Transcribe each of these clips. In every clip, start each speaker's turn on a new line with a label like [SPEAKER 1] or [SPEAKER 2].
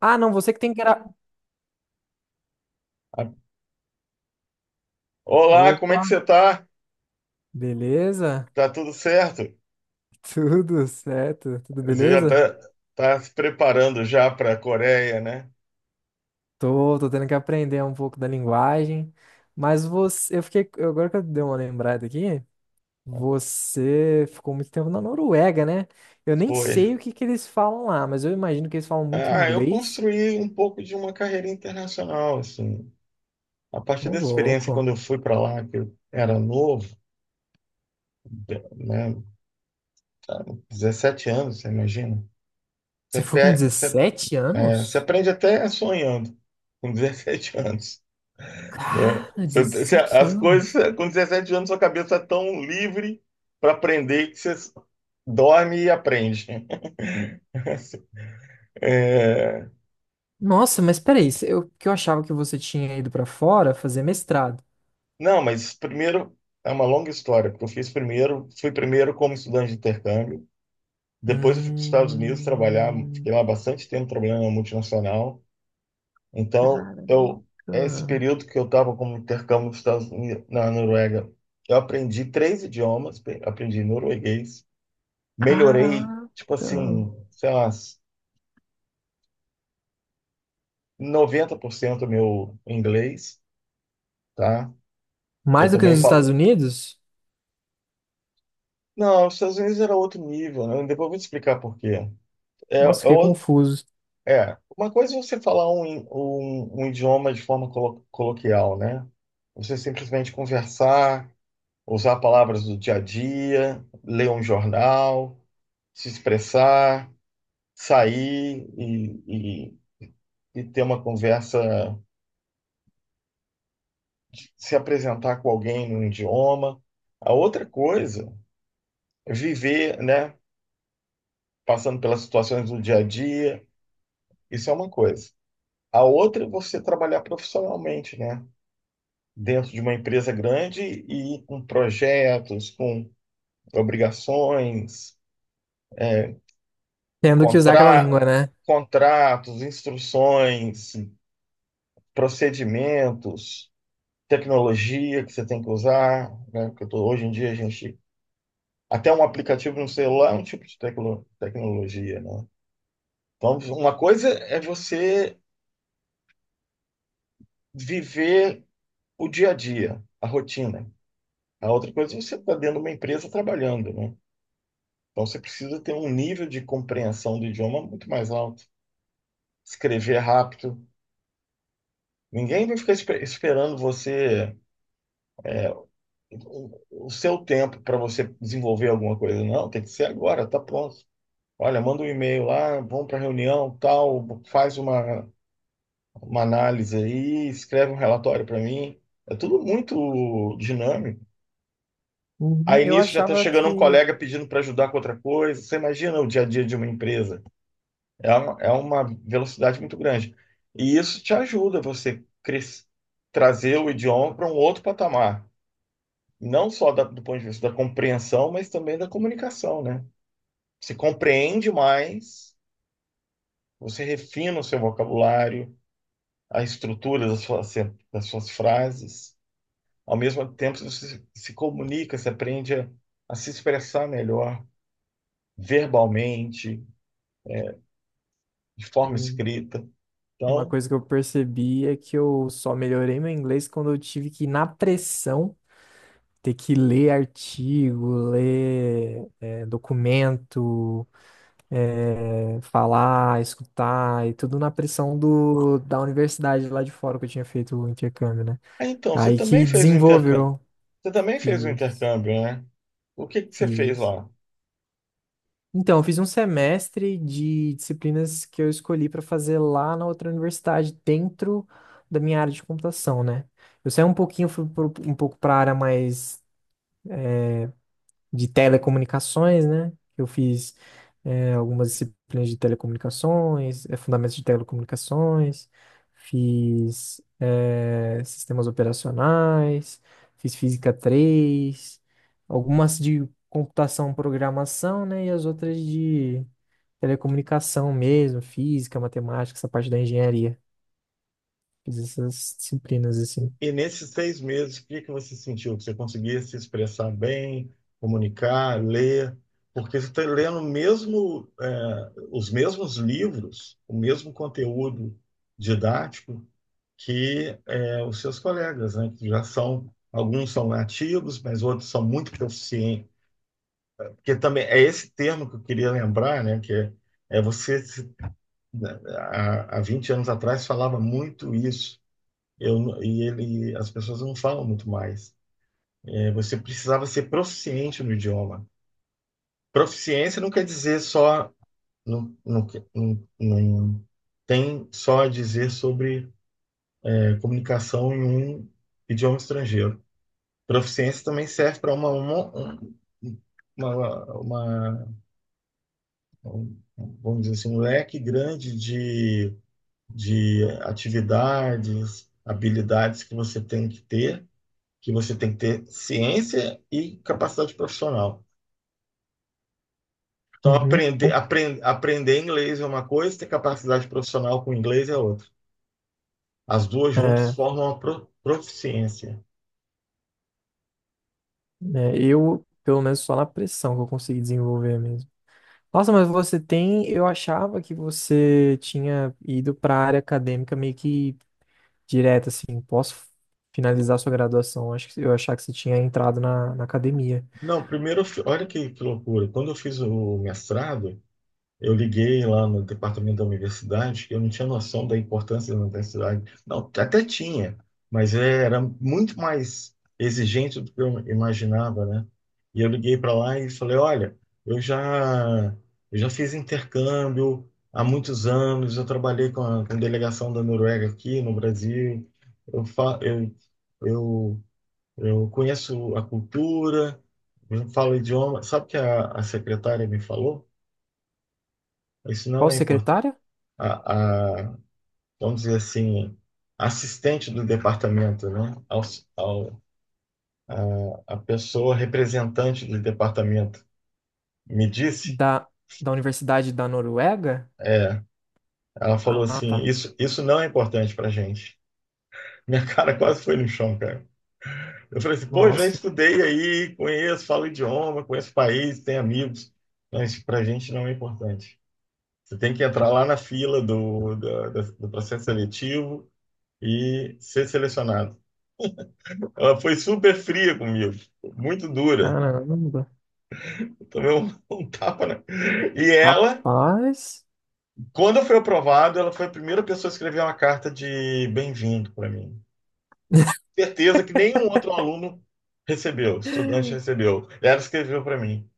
[SPEAKER 1] Ah, não, você que tem que era.
[SPEAKER 2] Olá, como é
[SPEAKER 1] Opa,
[SPEAKER 2] que você tá?
[SPEAKER 1] beleza?
[SPEAKER 2] Tá tudo certo?
[SPEAKER 1] Tudo certo? Tudo
[SPEAKER 2] Você já
[SPEAKER 1] beleza?
[SPEAKER 2] tá, tá se preparando já para a Coreia, né?
[SPEAKER 1] Tô tendo que aprender um pouco da linguagem, mas eu fiquei, agora que eu dei uma lembrada aqui, você ficou muito tempo na Noruega, né? Eu nem
[SPEAKER 2] Foi.
[SPEAKER 1] sei o que que eles falam lá, mas eu imagino que eles falam muito
[SPEAKER 2] Eu
[SPEAKER 1] inglês.
[SPEAKER 2] construí um pouco de uma carreira internacional, assim. A partir
[SPEAKER 1] Ô,
[SPEAKER 2] dessa experiência, quando
[SPEAKER 1] louco.
[SPEAKER 2] eu fui para lá, que eu era novo, né? Tá, 17 anos, você imagina? Você,
[SPEAKER 1] Você foi com
[SPEAKER 2] pe- você,
[SPEAKER 1] 17
[SPEAKER 2] é, Você
[SPEAKER 1] anos?
[SPEAKER 2] aprende até sonhando com 17 anos, né?
[SPEAKER 1] Cara, 17
[SPEAKER 2] As
[SPEAKER 1] anos.
[SPEAKER 2] coisas, com 17 anos, sua cabeça é tão livre para aprender que você dorme e aprende. É,
[SPEAKER 1] Nossa, mas peraí, se eu, que eu achava que você tinha ido pra fora fazer mestrado.
[SPEAKER 2] não, mas primeiro é uma longa história, porque eu fiz primeiro, fui primeiro como estudante de intercâmbio, depois eu fui para os Estados Unidos trabalhar,
[SPEAKER 1] Hum,
[SPEAKER 2] fiquei lá bastante tempo trabalhando na multinacional. Então,
[SPEAKER 1] caraca.
[SPEAKER 2] eu Esse período que eu estava como intercâmbio nos Estados Unidos, na Noruega, eu aprendi três idiomas, aprendi norueguês, melhorei,
[SPEAKER 1] Caraca.
[SPEAKER 2] tipo assim, sei lá, 90% do meu inglês, tá? Que eu
[SPEAKER 1] Mais do que
[SPEAKER 2] também
[SPEAKER 1] nos Estados
[SPEAKER 2] falo.
[SPEAKER 1] Unidos?
[SPEAKER 2] Não, os Estados Unidos era outro nível, né? Depois eu vou te explicar por quê. É, é,
[SPEAKER 1] Nossa, fiquei
[SPEAKER 2] o-
[SPEAKER 1] confuso.
[SPEAKER 2] uma coisa é você falar um idioma de forma coloquial, né? Você simplesmente conversar, usar palavras do dia a dia, ler um jornal, se expressar, sair e ter uma conversa, se apresentar com alguém num idioma. A outra coisa é viver, né? Passando pelas situações do dia a dia, isso é uma coisa. A outra é você trabalhar profissionalmente, né? Dentro de uma empresa grande e com projetos, com obrigações, é,
[SPEAKER 1] Tendo que usar aquela
[SPEAKER 2] contra-
[SPEAKER 1] língua, né?
[SPEAKER 2] contratos, instruções, procedimentos, tecnologia que você tem que usar, né? Hoje em dia a gente. Até um aplicativo no celular é um tipo de tecnologia, né? Então, uma coisa é você viver o dia a dia, a rotina. A outra coisa é você está dentro de uma empresa trabalhando, né? Então você precisa ter um nível de compreensão do idioma muito mais alto, escrever rápido. Ninguém vai ficar esperando você o seu tempo para você desenvolver alguma coisa. Não, tem que ser agora, tá pronto. Olha, manda um e-mail lá, vamos para reunião, tal, faz uma análise aí, escreve um relatório para mim. É tudo muito dinâmico.
[SPEAKER 1] Uhum.
[SPEAKER 2] Aí
[SPEAKER 1] Eu
[SPEAKER 2] nisso já está
[SPEAKER 1] achava
[SPEAKER 2] chegando um
[SPEAKER 1] que
[SPEAKER 2] colega pedindo para ajudar com outra coisa. Você imagina o dia a dia de uma empresa. É uma velocidade muito grande. E isso te ajuda trazer o idioma para um outro patamar. Não só do ponto de vista da compreensão, mas também da comunicação, né? Você compreende mais, você refina o seu vocabulário, a estrutura das suas frases. Ao mesmo tempo, você se comunica, você aprende a se expressar melhor, verbalmente, de forma
[SPEAKER 1] hum,
[SPEAKER 2] escrita.
[SPEAKER 1] uma
[SPEAKER 2] Então,
[SPEAKER 1] coisa que eu percebi é que eu só melhorei meu inglês quando eu tive que, na pressão, ter que ler artigo, ler documento. Falar, escutar e tudo na pressão da universidade lá de fora que eu tinha feito o intercâmbio, né?
[SPEAKER 2] ah, então, você
[SPEAKER 1] Aí
[SPEAKER 2] também
[SPEAKER 1] que
[SPEAKER 2] fez o intercâmbio.
[SPEAKER 1] desenvolveu,
[SPEAKER 2] Você também fez um
[SPEAKER 1] fiz,
[SPEAKER 2] intercâmbio, né? O que que você fez
[SPEAKER 1] fiz.
[SPEAKER 2] lá?
[SPEAKER 1] Então, eu fiz um semestre de disciplinas que eu escolhi para fazer lá na outra universidade, dentro da minha área de computação, né? Eu saí um pouquinho, fui um pouco para a área mais de telecomunicações, né? Eu fiz algumas disciplinas de telecomunicações, fundamentos de telecomunicações, fiz sistemas operacionais, fiz física 3, algumas de computação, programação, né? E as outras de telecomunicação mesmo, física, matemática, essa parte da engenharia. Fiz essas disciplinas assim.
[SPEAKER 2] E nesses seis meses, o que que você sentiu? Que você conseguia se expressar bem, comunicar, ler? Porque você está lendo mesmo, é, os mesmos livros, o mesmo conteúdo didático que é, os seus colegas, né? Que já são, alguns são nativos, mas outros são muito proficientes. Porque também é esse termo que eu queria lembrar, né? Que é, é você se Há 20 anos atrás falava muito isso. Eu, e ele, as pessoas não falam muito mais. É, você precisava ser proficiente no idioma. Proficiência não quer dizer só, não, não, não, tem só a dizer sobre é, comunicação em um idioma estrangeiro. Proficiência também serve para uma, uma- vamos dizer assim, um leque grande de atividades, habilidades que você tem que ter, que você tem que ter ciência e capacidade profissional. Então,
[SPEAKER 1] Uhum. Bom,
[SPEAKER 2] aprender inglês é uma coisa, ter capacidade profissional com inglês é outra. As duas juntas
[SPEAKER 1] É,
[SPEAKER 2] formam uma proficiência.
[SPEAKER 1] eu, pelo menos, só na pressão que eu consegui desenvolver mesmo. Nossa, mas você tem. Eu achava que você tinha ido para a área acadêmica meio que direto, assim. Posso finalizar sua graduação? Acho que eu achava que você tinha entrado na, na academia.
[SPEAKER 2] Não, primeiro, olha que loucura. Quando eu fiz o mestrado, eu liguei lá no departamento da universidade, eu não tinha noção da importância da universidade. Não, até tinha, mas era muito mais exigente do que eu imaginava, né? E eu liguei para lá e falei, olha, eu já, eu já fiz intercâmbio há muitos anos, eu trabalhei com a delegação da Noruega aqui no Brasil, eu, fa eu, eu, eu conheço a cultura, eu falo o idioma. Sabe o que a secretária me falou? Isso não
[SPEAKER 1] Qual
[SPEAKER 2] é importante.
[SPEAKER 1] secretária?
[SPEAKER 2] a, a, Vamos dizer assim, assistente do departamento, né? Ao, a pessoa representante do departamento me disse,
[SPEAKER 1] Da, da Universidade da Noruega?
[SPEAKER 2] é, ela falou
[SPEAKER 1] Ah,
[SPEAKER 2] assim,
[SPEAKER 1] tá.
[SPEAKER 2] isso não é importante para a gente. Minha cara quase foi no chão, cara. Eu falei assim, pô, já
[SPEAKER 1] Nossa,
[SPEAKER 2] estudei aí, conheço, falo idioma, conheço o país, tenho amigos, mas para a gente não é importante. Você tem que entrar lá na fila do processo seletivo e ser selecionado. Ela foi super fria comigo, muito dura.
[SPEAKER 1] caramba.
[SPEAKER 2] Eu tomei um, um tapa, né? E ela,
[SPEAKER 1] Rapaz.
[SPEAKER 2] quando eu fui aprovado, ela foi a primeira pessoa a escrever uma carta de bem-vindo para mim. Certeza que nenhum outro aluno recebeu, estudante recebeu. Ela escreveu para mim.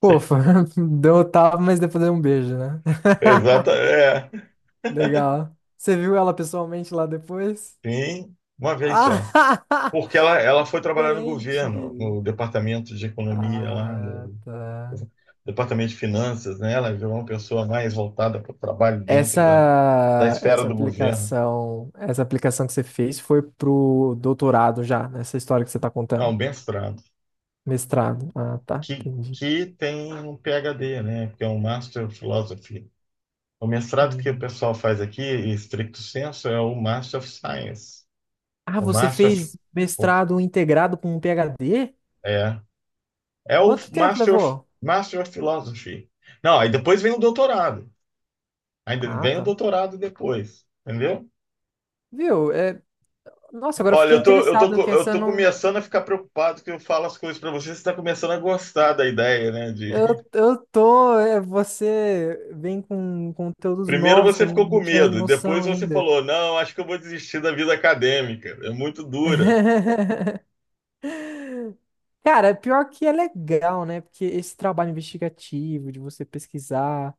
[SPEAKER 1] Pofa, deu um tapa, mas depois deu um beijo, né?
[SPEAKER 2] Exata, é.
[SPEAKER 1] Legal. Você viu ela pessoalmente lá depois?
[SPEAKER 2] Sim, uma vez só.
[SPEAKER 1] Ah!
[SPEAKER 2] Porque ela foi trabalhar no governo,
[SPEAKER 1] Diferente.
[SPEAKER 2] no departamento de economia lá
[SPEAKER 1] Ah,
[SPEAKER 2] no
[SPEAKER 1] tá.
[SPEAKER 2] departamento de finanças, né? Ela virou uma pessoa mais voltada para o trabalho dentro da esfera do governo.
[SPEAKER 1] Essa aplicação que você fez foi pro doutorado já, nessa história que você tá contando.
[SPEAKER 2] Não, mestrado.
[SPEAKER 1] Mestrado. Ah, tá. Entendi.
[SPEAKER 2] Que tem um PhD, né? Que é um Master of Philosophy. O mestrado que o
[SPEAKER 1] Uhum.
[SPEAKER 2] pessoal faz aqui, em stricto senso, é o Master of Science.
[SPEAKER 1] Ah,
[SPEAKER 2] O
[SPEAKER 1] você
[SPEAKER 2] Master of,
[SPEAKER 1] fez
[SPEAKER 2] o-
[SPEAKER 1] mestrado integrado com um PhD?
[SPEAKER 2] é, é o
[SPEAKER 1] Quanto tempo levou?
[SPEAKER 2] Master of Philosophy. Não, aí depois vem o doutorado. Ainda
[SPEAKER 1] Ah,
[SPEAKER 2] vem o
[SPEAKER 1] tá.
[SPEAKER 2] doutorado depois, entendeu?
[SPEAKER 1] Viu? É... Nossa, agora eu
[SPEAKER 2] Olha,
[SPEAKER 1] fiquei interessado que
[SPEAKER 2] eu
[SPEAKER 1] essa
[SPEAKER 2] tô
[SPEAKER 1] não.
[SPEAKER 2] começando a ficar preocupado que eu falo as coisas pra você, você tá começando a gostar da ideia, né? De...
[SPEAKER 1] Você vem com conteúdos
[SPEAKER 2] Primeiro
[SPEAKER 1] novos que
[SPEAKER 2] você
[SPEAKER 1] eu
[SPEAKER 2] ficou com
[SPEAKER 1] não tinha
[SPEAKER 2] medo, e depois
[SPEAKER 1] noção
[SPEAKER 2] você
[SPEAKER 1] ainda.
[SPEAKER 2] falou, não, acho que eu vou desistir da vida acadêmica, é muito dura.
[SPEAKER 1] Cara, pior que é legal, né? Porque esse trabalho investigativo, de você pesquisar,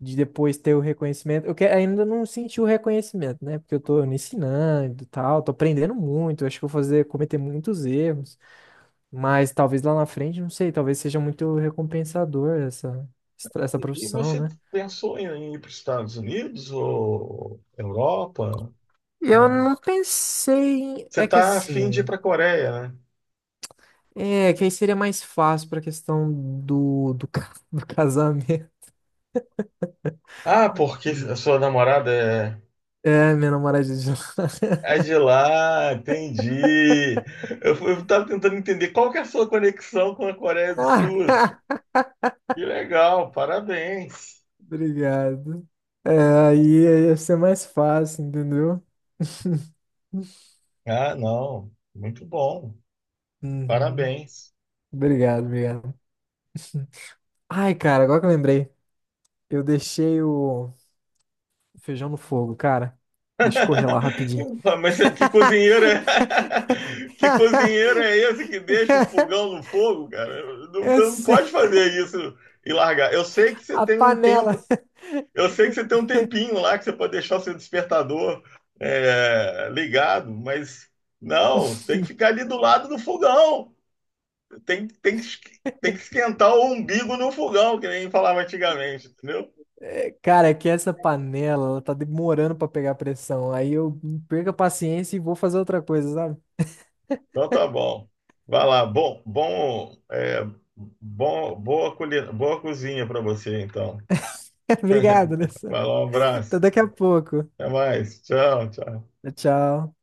[SPEAKER 1] de depois ter o reconhecimento. Ainda não senti o reconhecimento, né? Porque eu tô me ensinando e tal, tô aprendendo muito. Acho que eu vou fazer, cometer muitos erros. Mas talvez lá na frente, não sei, talvez seja muito recompensador essa,
[SPEAKER 2] E
[SPEAKER 1] profissão,
[SPEAKER 2] você
[SPEAKER 1] né?
[SPEAKER 2] pensou em ir para os Estados Unidos ou Europa?
[SPEAKER 1] E eu
[SPEAKER 2] Não.
[SPEAKER 1] não pensei.
[SPEAKER 2] Você
[SPEAKER 1] É que
[SPEAKER 2] tá afim de ir para
[SPEAKER 1] assim.
[SPEAKER 2] a Coreia, né?
[SPEAKER 1] É, que aí seria mais fácil pra questão do do casamento.
[SPEAKER 2] Ah, porque a sua namorada é,
[SPEAKER 1] É, minha namorada de lá.
[SPEAKER 2] é de lá, entendi. Eu tava tentando entender qual que é a sua conexão com a Coreia do Sul. Assim. Que legal, parabéns.
[SPEAKER 1] Obrigado. É, aí ia ser mais fácil, entendeu?
[SPEAKER 2] Ah, não, muito bom.
[SPEAKER 1] Uhum.
[SPEAKER 2] Parabéns.
[SPEAKER 1] Obrigado, obrigado. Ai, cara, agora que eu lembrei, eu deixei o feijão no fogo, cara. Deixa eu correr lá rapidinho.
[SPEAKER 2] Ah, mas que cozinheiro é... Que cozinheiro é esse que deixa o fogão no fogo, cara? Não- Você
[SPEAKER 1] Eu
[SPEAKER 2] não pode
[SPEAKER 1] sei,
[SPEAKER 2] fazer isso e largar. Eu sei que você
[SPEAKER 1] a
[SPEAKER 2] tem um
[SPEAKER 1] panela.
[SPEAKER 2] tempo, eu sei que você tem um tempinho lá que você pode deixar o seu despertador ligado, mas não, tem que ficar ali do lado do fogão. Tem, tem, que es- Tem que esquentar o umbigo no fogão, que nem falava antigamente, entendeu?
[SPEAKER 1] Cara, é que essa panela, ela tá demorando pra pegar pressão. Aí eu perco a paciência e vou fazer outra coisa, sabe?
[SPEAKER 2] Então tá bom. Vai lá. Bom, bom, é, bom, boa, colhe- Boa cozinha para você, então.
[SPEAKER 1] Obrigado, Alessandro.
[SPEAKER 2] Vai lá, um
[SPEAKER 1] Até
[SPEAKER 2] abraço.
[SPEAKER 1] daqui a pouco.
[SPEAKER 2] Até mais. Tchau, tchau.
[SPEAKER 1] Tchau.